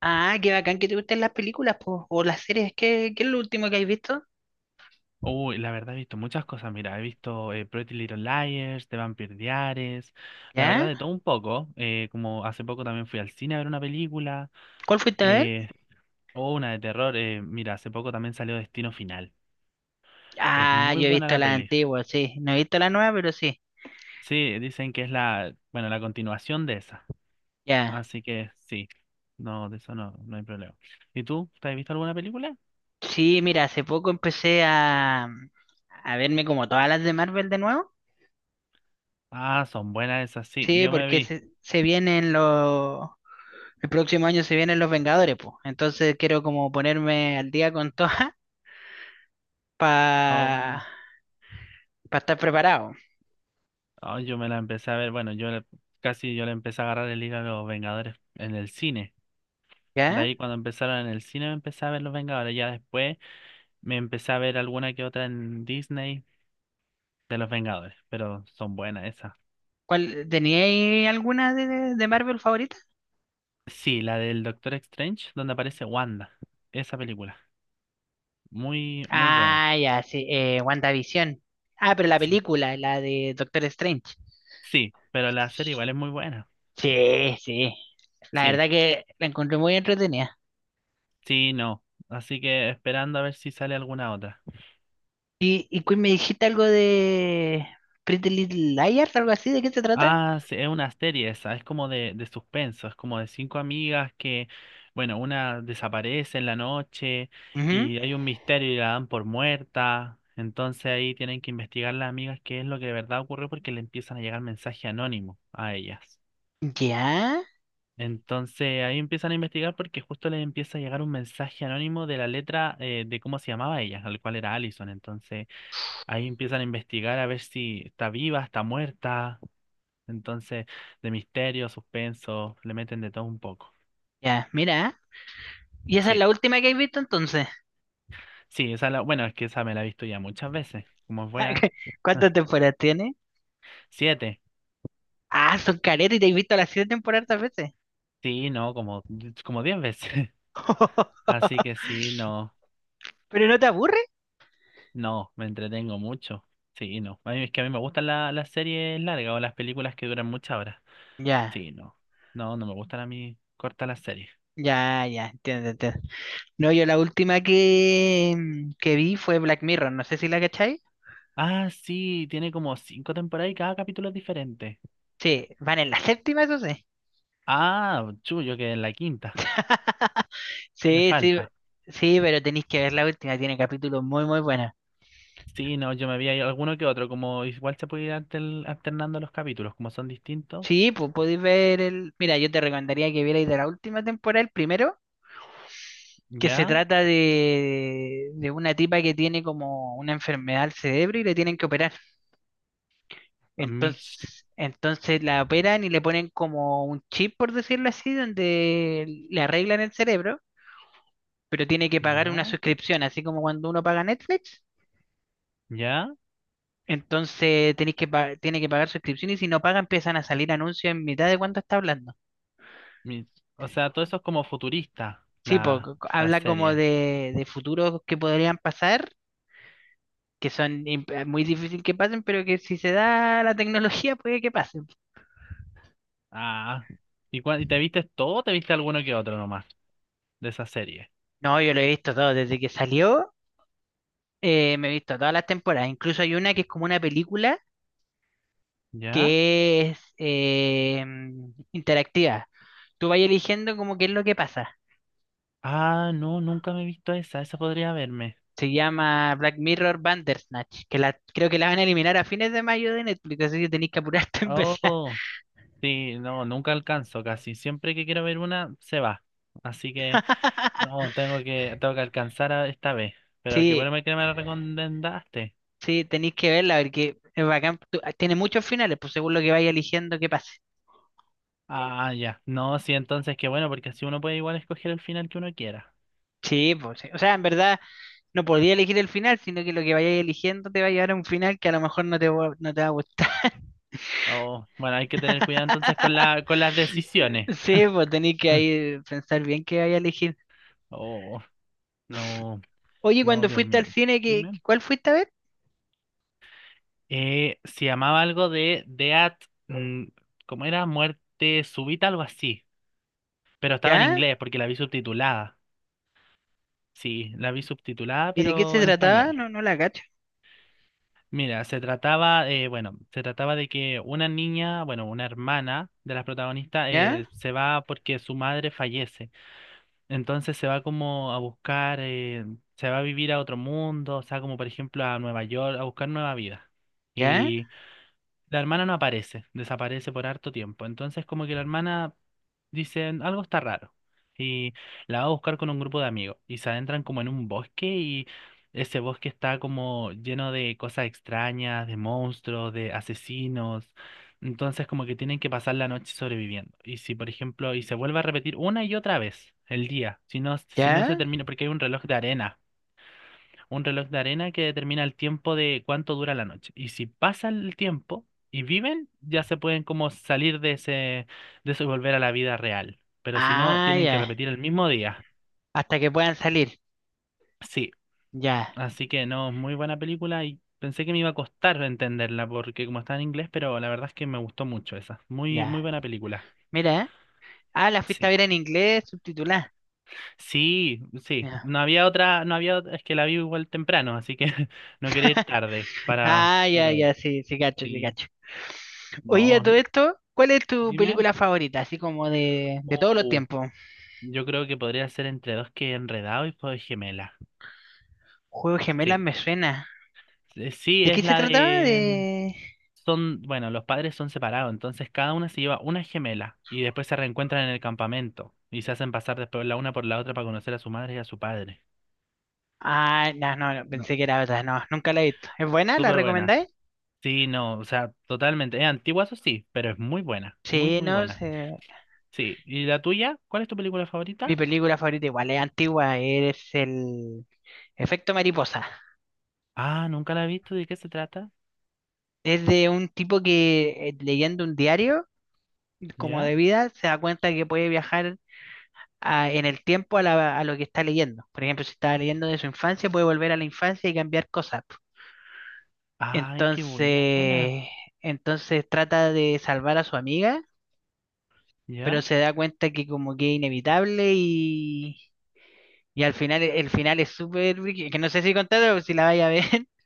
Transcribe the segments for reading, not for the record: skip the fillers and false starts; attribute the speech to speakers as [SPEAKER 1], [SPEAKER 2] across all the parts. [SPEAKER 1] Ah, qué bacán que te gusten las películas, po, o las series. ¿¿Qué es lo último que has visto?
[SPEAKER 2] Uy, la verdad he visto muchas cosas, mira, he visto Pretty Little Liars, The Vampire Diaries, la verdad
[SPEAKER 1] ¿Ya?
[SPEAKER 2] de todo un poco, como hace poco también fui al cine a ver una película,
[SPEAKER 1] ¿Cuál fuiste a ver?
[SPEAKER 2] eh, o una de terror, mira, hace poco también salió Destino Final, es
[SPEAKER 1] Ah,
[SPEAKER 2] muy
[SPEAKER 1] yo he
[SPEAKER 2] buena
[SPEAKER 1] visto
[SPEAKER 2] la
[SPEAKER 1] la
[SPEAKER 2] peli,
[SPEAKER 1] antigua, sí. No he visto la nueva, pero sí.
[SPEAKER 2] sí, dicen que es la, bueno, la continuación de esa,
[SPEAKER 1] Ya.
[SPEAKER 2] así que sí, no, de eso no, no hay problema. ¿Y tú, te has visto alguna película?
[SPEAKER 1] Sí, mira, hace poco a verme como todas las de Marvel de nuevo.
[SPEAKER 2] Ah, son buenas esas, sí,
[SPEAKER 1] Sí,
[SPEAKER 2] yo me
[SPEAKER 1] porque
[SPEAKER 2] vi.
[SPEAKER 1] se, se vienen los... El próximo año se vienen los Vengadores, pues. Entonces quiero como ponerme al día con todas para
[SPEAKER 2] Oh,
[SPEAKER 1] estar preparado.
[SPEAKER 2] ah, yo me la empecé a ver, bueno, casi yo le empecé a agarrar el hilo a los Vengadores en el cine. De
[SPEAKER 1] ¿Ya?
[SPEAKER 2] ahí cuando empezaron en el cine me empecé a ver los Vengadores. Ya después me empecé a ver alguna que otra en Disney de los Vengadores, pero son buenas esas.
[SPEAKER 1] ¿¿Teníais alguna de Marvel favorita?
[SPEAKER 2] Sí, la del Doctor Strange, donde aparece Wanda. Esa película. Muy, muy buena.
[SPEAKER 1] Ah, ya, sí, WandaVision. Ah, pero la
[SPEAKER 2] Sí.
[SPEAKER 1] película, la de Doctor Strange.
[SPEAKER 2] Sí, pero la serie igual es muy buena.
[SPEAKER 1] Sí, sí. La
[SPEAKER 2] Sí,
[SPEAKER 1] verdad que la encontré muy entretenida.
[SPEAKER 2] sí, no. Así que esperando a ver si sale alguna otra.
[SPEAKER 1] Y Queen, me dijiste algo de Pretty Little Liars, algo así, ¿de qué se trata?
[SPEAKER 2] Ah, sí, es una serie esa, es como de suspenso, es como de cinco amigas que, bueno, una desaparece en la noche
[SPEAKER 1] Ujú.
[SPEAKER 2] y hay un misterio y la dan por muerta, entonces ahí tienen que investigar las amigas qué es lo que de verdad ocurrió porque le empiezan a llegar mensajes anónimos a ellas.
[SPEAKER 1] Ya,
[SPEAKER 2] Entonces ahí empiezan a investigar porque justo les empieza a llegar un mensaje anónimo de la letra de cómo se llamaba ella, al cual era Allison, entonces ahí empiezan a investigar a ver si está viva, está muerta. Entonces, de misterio, suspenso, le meten de todo un poco.
[SPEAKER 1] ya, mira. ¿Y esa es
[SPEAKER 2] Sí,
[SPEAKER 1] la última que has visto entonces?
[SPEAKER 2] sí, esa la, bueno, es que esa me la he visto ya muchas veces, como
[SPEAKER 1] Ah,
[SPEAKER 2] fuera.
[SPEAKER 1] ¿Cuántas temporadas tiene?
[SPEAKER 2] Siete,
[SPEAKER 1] Ah, son caretas y te has visto las siete temporadas a veces.
[SPEAKER 2] sí, no, como, como diez veces. Así que sí, no,
[SPEAKER 1] ¿Pero no te aburre?
[SPEAKER 2] no, me entretengo mucho. Sí, no. A mí, es que a mí me gustan las series largas o las películas que duran muchas horas.
[SPEAKER 1] Ya,
[SPEAKER 2] Sí, no. No, no me gustan a mí cortas las series.
[SPEAKER 1] ya, entiendo, entiendo. No, yo la última que que vi fue Black Mirror, no sé si la cachai.
[SPEAKER 2] Ah, sí, tiene como cinco temporadas y cada capítulo es diferente.
[SPEAKER 1] Sí, van en la séptima, eso sí.
[SPEAKER 2] Ah, chullo, que en la quinta. Me
[SPEAKER 1] Sí, sí,
[SPEAKER 2] falta.
[SPEAKER 1] sí, pero tenéis que ver la última, tiene capítulos muy, muy buenos.
[SPEAKER 2] Sí, no, yo me vi ahí alguno que otro, como igual se puede ir alternando los capítulos, como son distintos.
[SPEAKER 1] Sí, pues podéis ver el... Mira, yo te recomendaría que vierais de la última temporada el primero, que se
[SPEAKER 2] Ya,
[SPEAKER 1] trata de una tipa que tiene como una enfermedad al cerebro y le tienen que operar.
[SPEAKER 2] a mis,
[SPEAKER 1] Entonces la operan y le ponen como un chip, por decirlo así, donde le arreglan el cerebro pero tiene que pagar una
[SPEAKER 2] ya,
[SPEAKER 1] suscripción, así como cuando uno paga Netflix.
[SPEAKER 2] ya,
[SPEAKER 1] Entonces tiene que pagar suscripción y si no paga empiezan a salir anuncios en mitad de cuánto está hablando.
[SPEAKER 2] mis, o sea, todo eso es como futurista,
[SPEAKER 1] Sí,
[SPEAKER 2] la,
[SPEAKER 1] porque
[SPEAKER 2] la
[SPEAKER 1] habla como
[SPEAKER 2] serie.
[SPEAKER 1] de futuros que podrían pasar, que son muy difícil que pasen, pero que si se da la tecnología puede que pasen.
[SPEAKER 2] Ah, ¿y, cuál y te viste todo o te viste alguno que otro nomás de esa serie?
[SPEAKER 1] No, yo lo he visto todo, desde que salió me he visto todas las temporadas. Incluso hay una que es como una película
[SPEAKER 2] ¿Ya?
[SPEAKER 1] que es interactiva. Tú vas eligiendo como qué es lo que pasa.
[SPEAKER 2] Ah, no, nunca me he visto esa, esa podría verme.
[SPEAKER 1] Se llama Black Mirror Bandersnatch, creo que la van a eliminar a fines de mayo de Netflix, así que tenéis que apurarte a empezar.
[SPEAKER 2] Oh, sí, no, nunca alcanzo casi, siempre que quiero ver una, se va. Así que... No, tengo que alcanzar a esta vez. Pero qué
[SPEAKER 1] Sí,
[SPEAKER 2] bueno que me lo recomendaste.
[SPEAKER 1] sí, tenéis que verla, porque es bacán. Tiene muchos finales, pues según lo que vaya eligiendo, que pase.
[SPEAKER 2] Ah, ya. No, sí, entonces qué bueno, porque así uno puede igual escoger el final que uno quiera.
[SPEAKER 1] Sí, pues, sí. O sea, en verdad no podía elegir el final, sino que lo que vayas eligiendo te va a llevar a un final que a lo mejor no te va a gustar.
[SPEAKER 2] Oh, bueno, hay que tener cuidado entonces con la, con las decisiones.
[SPEAKER 1] Sí, pues tenéis que ahí pensar bien qué vaya a elegir.
[SPEAKER 2] Oh, no,
[SPEAKER 1] Oye,
[SPEAKER 2] no,
[SPEAKER 1] cuando
[SPEAKER 2] Dios
[SPEAKER 1] fuiste al
[SPEAKER 2] mío.
[SPEAKER 1] cine, ¿qué,
[SPEAKER 2] Dime.
[SPEAKER 1] cuál fuiste a ver?
[SPEAKER 2] Se llamaba algo de Death, mm, ¿cómo era? Muerte súbita, algo así. Pero estaba en
[SPEAKER 1] ¿Ya?
[SPEAKER 2] inglés porque la vi subtitulada. Sí, la vi subtitulada,
[SPEAKER 1] ¿Y de qué se
[SPEAKER 2] pero en
[SPEAKER 1] trataba?
[SPEAKER 2] español.
[SPEAKER 1] No, no la cacho.
[SPEAKER 2] Mira, se trataba, bueno, se trataba de que una niña, bueno, una hermana de las protagonistas
[SPEAKER 1] ¿Ya?
[SPEAKER 2] se va porque su madre fallece. Entonces se va como a buscar, se va a vivir a otro mundo, o sea, como por ejemplo a Nueva York, a buscar nueva vida.
[SPEAKER 1] ¿Ya?
[SPEAKER 2] La hermana no aparece, desaparece por harto tiempo. Entonces, como que la hermana dice, algo está raro. Y la va a buscar con un grupo de amigos. Y se adentran como en un bosque y ese bosque está como lleno de cosas extrañas, de monstruos, de asesinos. Entonces, como que tienen que pasar la noche sobreviviendo. Y si, por ejemplo, y se vuelve a repetir una y otra vez el día, si no, si no se
[SPEAKER 1] ¿Ya?
[SPEAKER 2] termina, porque hay un reloj de arena que determina el tiempo de cuánto dura la noche. Y si pasa el tiempo y viven, ya se pueden como salir de ese, de eso y volver a la vida real. Pero si no,
[SPEAKER 1] Ah,
[SPEAKER 2] tienen que
[SPEAKER 1] ya.
[SPEAKER 2] repetir el mismo día.
[SPEAKER 1] Hasta que puedan salir.
[SPEAKER 2] Sí,
[SPEAKER 1] Ya,
[SPEAKER 2] así que no, muy buena película y pensé que me iba a costar entenderla porque como está en inglés, pero la verdad es que me gustó mucho esa. Muy, muy
[SPEAKER 1] ya.
[SPEAKER 2] buena película.
[SPEAKER 1] Mira. Ah, la fuiste a
[SPEAKER 2] Sí.
[SPEAKER 1] ver en inglés, subtitulada.
[SPEAKER 2] Sí, sí.
[SPEAKER 1] Ya.
[SPEAKER 2] No había otra, no había otra, es que la vi igual temprano, así que no quería ir tarde
[SPEAKER 1] Ah, ya,
[SPEAKER 2] para,
[SPEAKER 1] ya, sí, sí, cacho, sí,
[SPEAKER 2] sí.
[SPEAKER 1] cacho. Oye, a
[SPEAKER 2] No,
[SPEAKER 1] todo esto, ¿cuál es tu
[SPEAKER 2] dime.
[SPEAKER 1] película favorita? Así como de todos los
[SPEAKER 2] Uh,
[SPEAKER 1] tiempos.
[SPEAKER 2] yo creo que podría ser entre dos que enredado y Fuego de Gemela.
[SPEAKER 1] Juego de Gemelas
[SPEAKER 2] Sí,
[SPEAKER 1] me suena.
[SPEAKER 2] eh, sí,
[SPEAKER 1] ¿De qué
[SPEAKER 2] es
[SPEAKER 1] se
[SPEAKER 2] la
[SPEAKER 1] trataba?
[SPEAKER 2] de... mm,
[SPEAKER 1] De...
[SPEAKER 2] son, bueno, los padres son separados, entonces cada una se lleva una gemela y después se reencuentran en el campamento y se hacen pasar después la una por la otra para conocer a su madre y a su padre.
[SPEAKER 1] Ah, no, no, no,
[SPEAKER 2] No,
[SPEAKER 1] pensé que era otra. No, nunca la he visto. ¿Es buena? ¿La
[SPEAKER 2] súper buena.
[SPEAKER 1] recomendáis?
[SPEAKER 2] Sí, no, o sea, totalmente. Es antigua, eso sí, pero es muy buena, muy,
[SPEAKER 1] Sí,
[SPEAKER 2] muy
[SPEAKER 1] no
[SPEAKER 2] buena.
[SPEAKER 1] sé.
[SPEAKER 2] Sí, ¿y la tuya? ¿Cuál es tu película
[SPEAKER 1] Mi
[SPEAKER 2] favorita?
[SPEAKER 1] película favorita igual es antigua, es el Efecto Mariposa.
[SPEAKER 2] Ah, nunca la he visto, ¿de qué se trata?
[SPEAKER 1] Es de un tipo que leyendo un diario como de
[SPEAKER 2] ¿Ya?
[SPEAKER 1] vida se da cuenta que puede viajar en el tiempo a lo que está leyendo. Por ejemplo, si estaba leyendo de su infancia, puede volver a la infancia y cambiar cosas.
[SPEAKER 2] Ay, qué buena suena.
[SPEAKER 1] Entonces, entonces trata de salvar a su amiga, pero
[SPEAKER 2] ¿Ya?
[SPEAKER 1] se da cuenta que como que es inevitable y al final el final es súper... brígido. Que no sé si contarlo, o si la vaya a ver.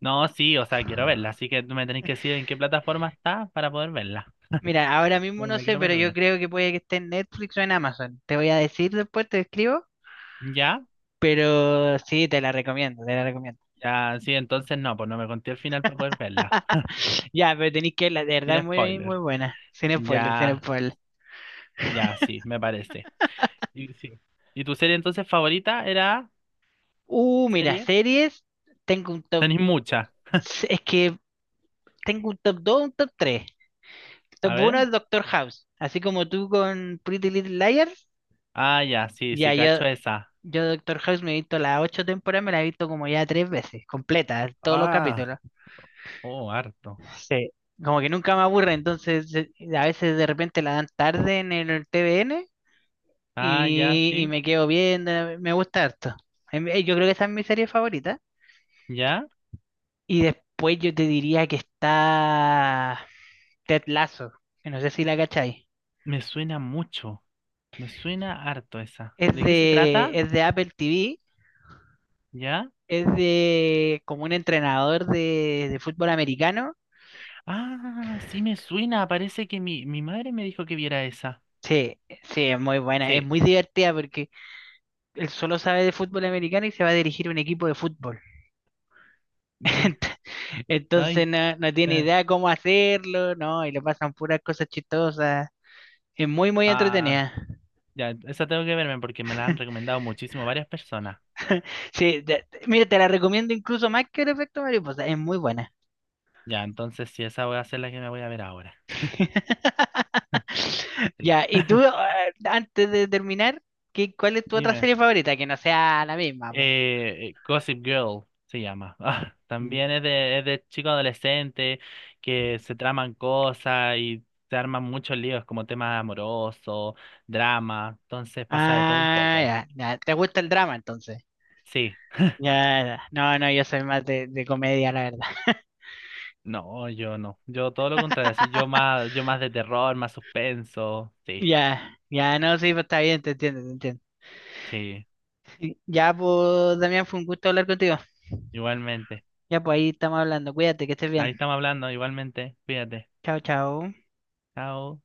[SPEAKER 2] No, sí, o sea, quiero verla, así que tú me tenés que decir en qué plataforma está para poder verla.
[SPEAKER 1] Mira, ahora mismo
[SPEAKER 2] No me
[SPEAKER 1] no
[SPEAKER 2] la
[SPEAKER 1] sé,
[SPEAKER 2] quiero
[SPEAKER 1] pero yo
[SPEAKER 2] perder.
[SPEAKER 1] creo que puede que esté en Netflix o en Amazon. Te voy a decir después, te escribo.
[SPEAKER 2] ¿Ya?
[SPEAKER 1] Pero sí, te la recomiendo, te la recomiendo.
[SPEAKER 2] Ya, sí, entonces no, pues no me conté el final para poder verla.
[SPEAKER 1] Ya, pero tenéis que verla, de
[SPEAKER 2] Sin
[SPEAKER 1] verdad, muy, muy
[SPEAKER 2] spoiler.
[SPEAKER 1] buena. Sin spoiler, sin
[SPEAKER 2] Ya,
[SPEAKER 1] spoiler.
[SPEAKER 2] ya, sí, me parece. Y, sí. ¿Y tu serie entonces favorita era
[SPEAKER 1] Mira,
[SPEAKER 2] serie?
[SPEAKER 1] series. Tengo un top.
[SPEAKER 2] Tenés mucha.
[SPEAKER 1] Es que tengo un top 2 un top tres.
[SPEAKER 2] A
[SPEAKER 1] Top 1
[SPEAKER 2] ver.
[SPEAKER 1] es Doctor House. Así como tú con Pretty Little Liars.
[SPEAKER 2] Ah, ya, sí, sí,
[SPEAKER 1] Ya, yo,
[SPEAKER 2] cacho esa.
[SPEAKER 1] yo Doctor House me he visto las 8 temporadas, me la he visto como ya 3 veces, completa, todos los
[SPEAKER 2] Ah,
[SPEAKER 1] capítulos.
[SPEAKER 2] oh, harto.
[SPEAKER 1] Sí. Como que nunca me aburre, entonces a veces de repente la dan tarde en el TVN
[SPEAKER 2] Ah, ya,
[SPEAKER 1] y
[SPEAKER 2] sí.
[SPEAKER 1] me quedo viendo, me gusta harto. Yo creo que esa es mi serie favorita.
[SPEAKER 2] ¿Ya?
[SPEAKER 1] Y después yo te diría que está Ted Lasso, que no sé si la cacháis.
[SPEAKER 2] Me suena mucho. Me suena harto esa. ¿De qué se trata?
[SPEAKER 1] Es de Apple TV,
[SPEAKER 2] ¿Ya?
[SPEAKER 1] es de como un entrenador de fútbol americano.
[SPEAKER 2] Ah, sí me suena. Parece que mi madre me dijo que viera esa.
[SPEAKER 1] Sí, sí, es muy buena, es
[SPEAKER 2] Sí,
[SPEAKER 1] muy divertida porque él solo sabe de fútbol americano y se va a dirigir un equipo de fútbol.
[SPEAKER 2] mi.
[SPEAKER 1] Entonces
[SPEAKER 2] Ay.
[SPEAKER 1] no, no tiene idea cómo hacerlo, ¿no? Y le pasan puras cosas chistosas. Es muy, muy
[SPEAKER 2] Ah,
[SPEAKER 1] entretenida.
[SPEAKER 2] ya, esa tengo que verme porque me la han recomendado muchísimo varias personas.
[SPEAKER 1] Sí, mira, te la recomiendo incluso más que el efecto mariposa. Es muy buena.
[SPEAKER 2] Ya, entonces sí, esa voy a ser la que me voy a ver ahora. Sí.
[SPEAKER 1] Ya, y tú, antes de terminar, ¿¿cuál es tu otra
[SPEAKER 2] Dime.
[SPEAKER 1] serie favorita? Que no sea la misma, po.
[SPEAKER 2] Gossip Girl se llama. Ah,
[SPEAKER 1] Mm.
[SPEAKER 2] también es es de chicos adolescentes que se traman cosas y se arman muchos líos como temas amorosos, drama. Entonces pasa de todo un
[SPEAKER 1] Ah,
[SPEAKER 2] poco.
[SPEAKER 1] ya, ya. ¿Te gusta el drama entonces?
[SPEAKER 2] Sí.
[SPEAKER 1] Ya, ya. No, no, yo soy más de comedia, la verdad.
[SPEAKER 2] No, yo no. Yo todo lo contrario, así yo más de terror, más suspenso. Sí,
[SPEAKER 1] Ya, ya, no, sí, pues está bien, te entiendo, te entiendo.
[SPEAKER 2] sí,
[SPEAKER 1] Ya, pues, Damián, fue un gusto hablar contigo.
[SPEAKER 2] igualmente.
[SPEAKER 1] Ya, pues ahí estamos hablando. Cuídate, que estés bien.
[SPEAKER 2] Ahí estamos hablando, igualmente. Fíjate.
[SPEAKER 1] Chao, chao.
[SPEAKER 2] Chao.